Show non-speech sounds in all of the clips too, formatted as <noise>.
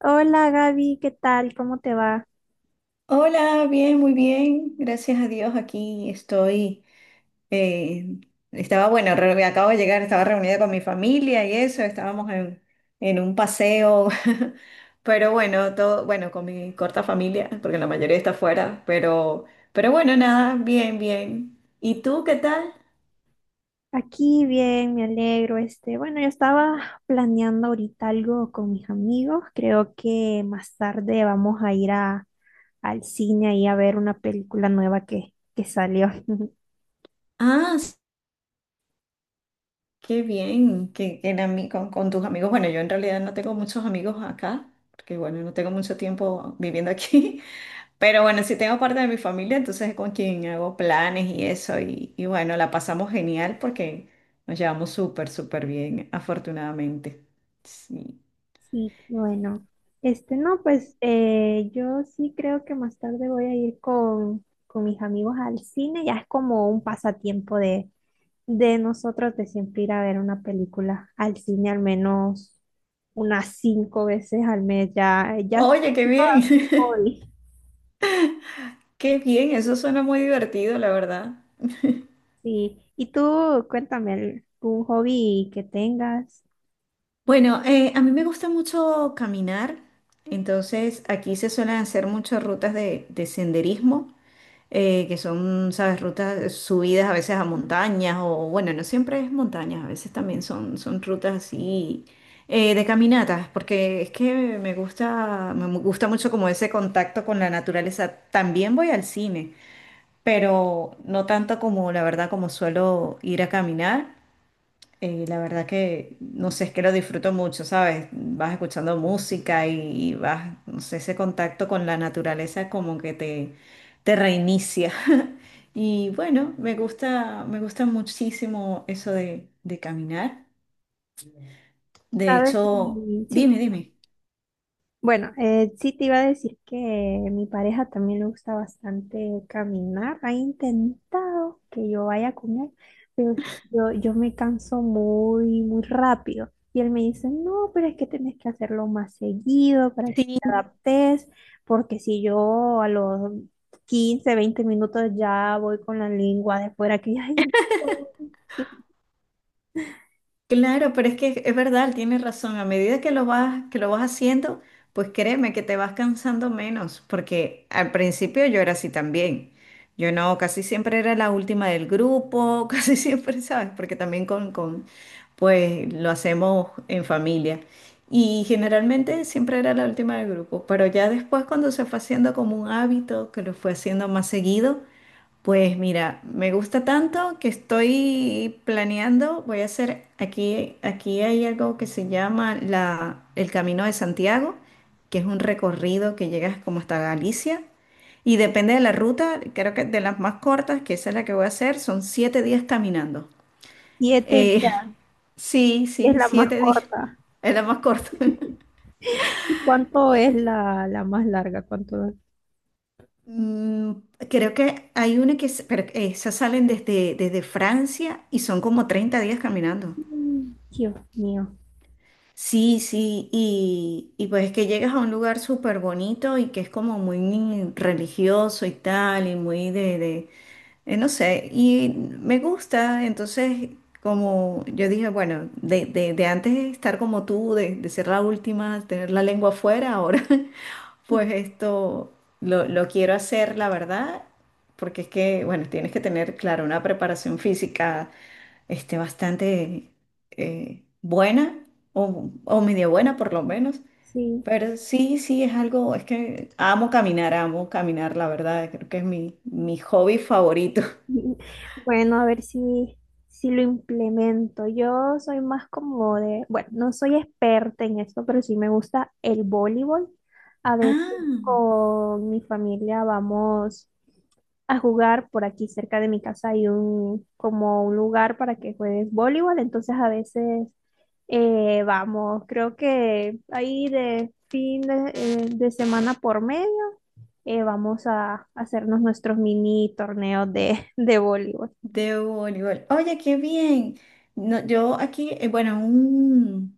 Hola Gaby, ¿qué tal? ¿Cómo te va? Hola, bien, muy bien. Gracias a Dios, aquí estoy. eh, Acabo de llegar, estaba reunida con mi familia y eso, estábamos en un paseo. <laughs> Pero bueno, todo, bueno, con mi corta familia, porque la mayoría está fuera, pero bueno, nada, bien, bien. ¿Y tú qué tal? Aquí bien, me alegro. Yo estaba planeando ahorita algo con mis amigos. Creo que más tarde vamos a ir al cine y a ver una película nueva que salió. <laughs> Ah, s- Qué bien, que con tus amigos. Bueno, yo en realidad no tengo muchos amigos acá, porque bueno, no tengo mucho tiempo viviendo aquí. Pero bueno, sí tengo parte de mi familia, entonces es con quien hago planes y eso. Y bueno, la pasamos genial porque nos llevamos súper, súper bien, afortunadamente. Sí. Sí, bueno. Este, no, pues yo sí creo que más tarde voy a ir con mis amigos al cine. Ya es como un pasatiempo de nosotros de siempre ir a ver una película al cine al menos unas cinco veces al mes, ya, ya se me Oye, qué hizo bien. un hobby. <laughs> Qué bien, eso suena muy divertido, la verdad. Sí, y tú cuéntame algún hobby que tengas, Bueno, a mí me gusta mucho caminar, entonces aquí se suelen hacer muchas rutas de senderismo. Que son, sabes, rutas, subidas a veces a montañas o bueno, no siempre es montañas, a veces también son, son rutas así de caminatas, porque es que me gusta, gusta mucho como ese contacto con la naturaleza. También voy al cine, pero no tanto como la verdad como suelo ir a caminar. La verdad que, no sé, es que lo disfruto mucho, ¿sabes? Vas escuchando música y vas, no sé, ese contacto con la naturaleza como que te reinicia. Y bueno, me gusta muchísimo eso de caminar. De ¿sabes? hecho, Sí, dime, dime. bueno, sí te iba a decir que mi pareja también le gusta bastante caminar. Ha intentado que yo vaya con él, pero yo me canso muy rápido. Y él me dice, no, pero es que tenés que hacerlo más seguido para que te adaptes, porque si yo a los 15, 20 minutos ya voy con la lengua de fuera, que ya <laughs> Claro, pero es que es verdad, tienes razón. A medida que lo vas haciendo, pues créeme que te vas cansando menos, porque al principio yo era así también. Yo no, casi siempre era la última del grupo, <laughs> casi siempre, ¿sabes? Porque también pues lo hacemos en familia. Y generalmente siempre era la última del grupo, pero ya después cuando se fue haciendo como un hábito, que lo fue haciendo más seguido, pues mira, me gusta tanto que estoy planeando, voy a hacer aquí, aquí hay algo que se llama el Camino de Santiago, que es un recorrido que llegas como hasta Galicia y depende de la ruta, creo que de las más cortas, que esa es la que voy a hacer, son 7 días caminando. 7 Eh, ya <laughs> sí, es sí, la más 7 días, corta. <laughs> es la más corta. <laughs> ¿Y cuánto es la más larga? ¿Cuánto? Mm, Creo que hay una que, pero esas salen desde, desde Francia y son como 30 días caminando. Mm, Dios mío, Sí, sí, y pues que llegas a un lugar súper bonito y que es como muy religioso y tal, y muy no sé, y me gusta, entonces como yo dije, bueno, de antes de estar como tú, de ser la última, tener la lengua afuera, ahora <laughs> pues esto lo quiero hacer, la verdad, porque es que, bueno, tienes que tener, claro, una preparación física este, bastante buena o medio buena por lo menos. sí. Pero sí, sí, es algo, es que amo caminar, la verdad, creo que es mi hobby favorito. Bueno, a ver si, si lo implemento. Yo soy más como de, bueno, no soy experta en esto, pero sí me gusta el voleibol. A veces Ah, con mi familia vamos a jugar. Por aquí cerca de mi casa hay un, como un lugar para que juegues voleibol. Entonces a veces vamos, creo que ahí de fin de semana por mes, vamos a hacernos nuestros mini torneos <laughs> de voleibol. de voleibol. Oye, qué bien. No, yo aquí, bueno, un,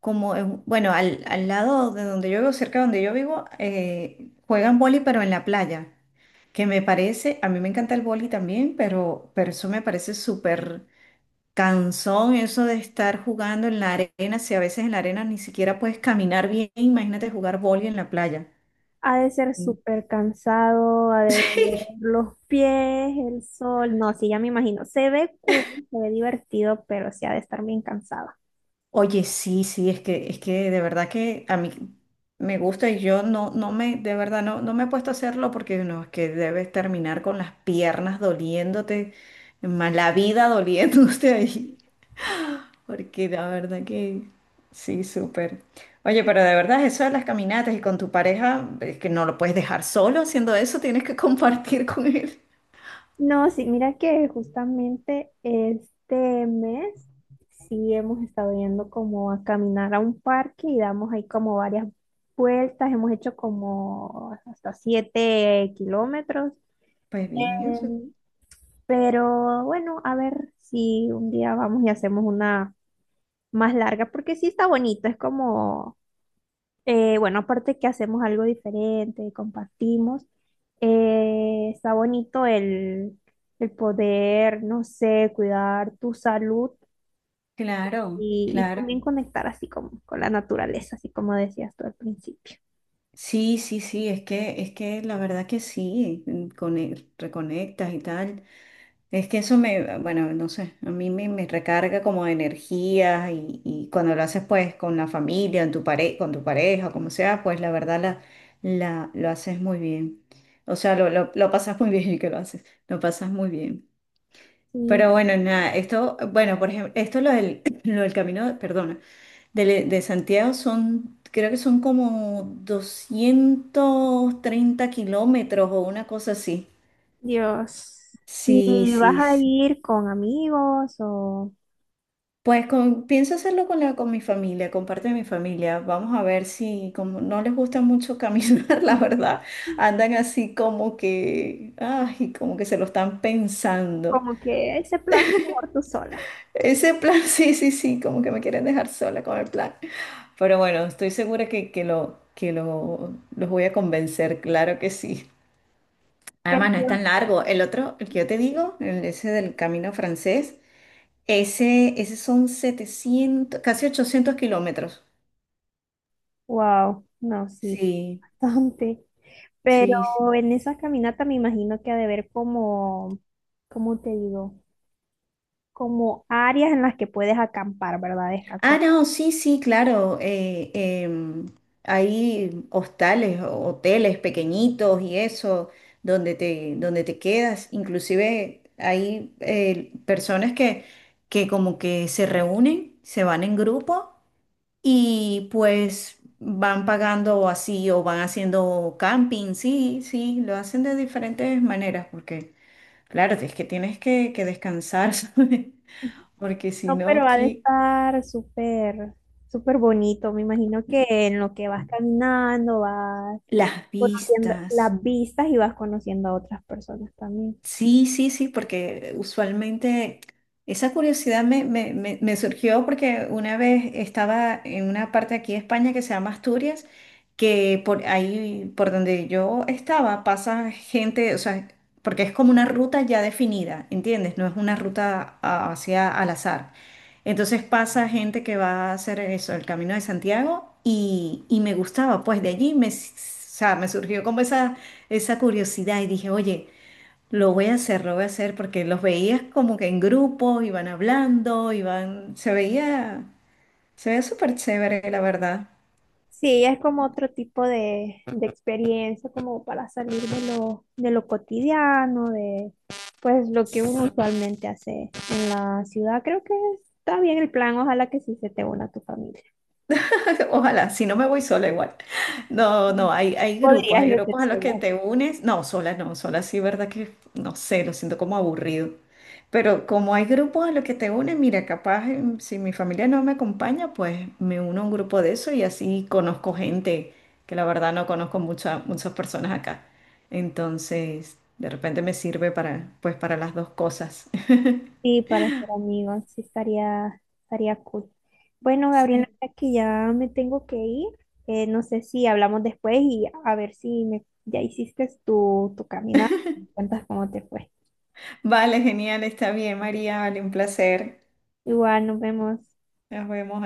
como, bueno, al lado de donde yo vivo, cerca de donde yo vivo, juegan vóley, pero en la playa. Que me parece, a mí me encanta el vóley también, pero eso me parece súper cansón, eso de estar jugando en la arena, si a veces en la arena ni siquiera puedes caminar bien, imagínate jugar vóley en la playa. Ha de ser Mm. súper cansado, ha de doler <laughs> los pies, el sol. No, sí, ya me imagino. Se ve cool, se ve divertido, pero sí ha de estar bien cansada. Oye, sí, sí, es que de verdad que a mí me gusta y yo no, no me, de verdad, no, no me he puesto a hacerlo porque no, es que debes terminar con las piernas doliéndote, más la vida doliéndote <laughs> ahí, porque la verdad que sí, súper. Oye, pero de verdad eso de las caminatas y con tu pareja, es que no lo puedes dejar solo haciendo eso, tienes que <laughs> compartir con él. No, sí, mira que justamente este mes sí hemos estado yendo como a caminar a un parque y damos ahí como varias vueltas, hemos hecho como hasta 7 kilómetros. Pues bien, eso- Em, pero bueno, a ver si un día vamos y hacemos una más larga, porque sí está bonito, es como bueno, aparte que hacemos algo diferente, compartimos, está bonito el poder, no sé, cuidar tu salud claro, y claro. también conectar así como con la naturaleza, así como decías tú al principio. Sí, sí, sí, es que la verdad que sí, mm, cone- reconectas y tal. Es que eso me, ah, bueno, no sé, a mí me, me recarga como de energía y cuando lo haces pues con la familia, con tu pareja, como sea, pues la verdad lo haces muy bien. O sea, lo pasas muy bien <laughs> y que lo haces, lo pasas muy bien. Sí, Pero bueno, nada, esto, bueno, por ejemplo, esto lo del, <clears throat> lo del camino, perdona. De Santiago son, creo que son como 230 kilómetros o una cosa así. Dios. Sí, ¿Y vas sí, a sí. ir con amigos o Pienso hacerlo con con mi familia, con parte de mi familia. Vamos a ver si, como no les gusta mucho caminar, <laughs> la verdad, andan así como que, ay, como que se lo están pensando. como que ese plan mejor tú sola? Ese plan, <laughs> sí, sí, sí, como que me quieren dejar sola con el plan. Pero bueno, estoy segura que, que lo, los voy a convencer, claro que sí. Además, no es Pero, tan largo. El otro, el que yo te digo, el ese del Camino Francés, ese son 700 casi 800 kilómetros. wow, no, sí, Sí, bastante. Pero sí, sí. en esa caminata me imagino que ha de haber como, ¿cómo te digo? Como áreas en las que puedes acampar, ¿verdad? Descansar. Ah, no, sí, sí, claro. Hay hostales, hoteles pequeñitos y eso, donde te quedas. Inclusive hay personas que como que se reúnen, se van en grupo y pues van pagando así o van haciendo camping, sí, sí, lo hacen de diferentes maneras porque, claro, es que tienes que descansar, <laughs> ¿sabes? Porque si No, no, pero ha de ¿qué? estar súper, súper bonito. Me imagino que en lo que vas caminando, vas Las conociendo vistas. las vistas y vas conociendo a otras personas también. Sí, sí, sí, porque usualmente esa curiosidad me surgió porque una vez estaba en una parte aquí de España que se llama Asturias, que por ahí, por donde yo estaba, pasa gente, o sea, porque es como una ruta ya definida, ¿entiendes? No es una ruta a- Hacia al azar. Entonces pasa gente que va a hacer eso, el Camino de Santiago, y me gustaba, pues de allí o sea, me surgió como esa curiosidad y dije, oye, lo voy a hacer, lo voy a hacer porque los veías como que en grupo, iban hablando, iban, se veía súper chévere, la verdad. Sí, es como otro tipo de experiencia, como para salir de lo cotidiano, de pues lo que uno usualmente hace en la ciudad. Creo que está bien el plan, ojalá que sí se te una a tu familia. <laughs> Ojalá, si no me voy sola igual. No, Mm. no, hay, Podrías hay irte grupos a los que sola. te unes. No, sola no, sola sí, verdad que no sé, lo siento como aburrido. Pero como hay grupos a los que te unes, mira, capaz em, si mi familia no me acompaña, pues me uno a un grupo de eso y así conozco gente que la verdad no conozco muchas muchas personas acá. Entonces, de repente me sirve para, pues, para las dos cosas. <laughs> Sí, para ser amigos, sí estaría, estaría cool. Bueno, Gabriela, Sí. mira que ya me tengo que ir. No sé si hablamos después y a ver si me, ya hiciste tu, tu caminata. Me cuentas cómo te fue. Vale, genial, está bien, María, vale, un placer. Igual, nos vemos. Nos vemos.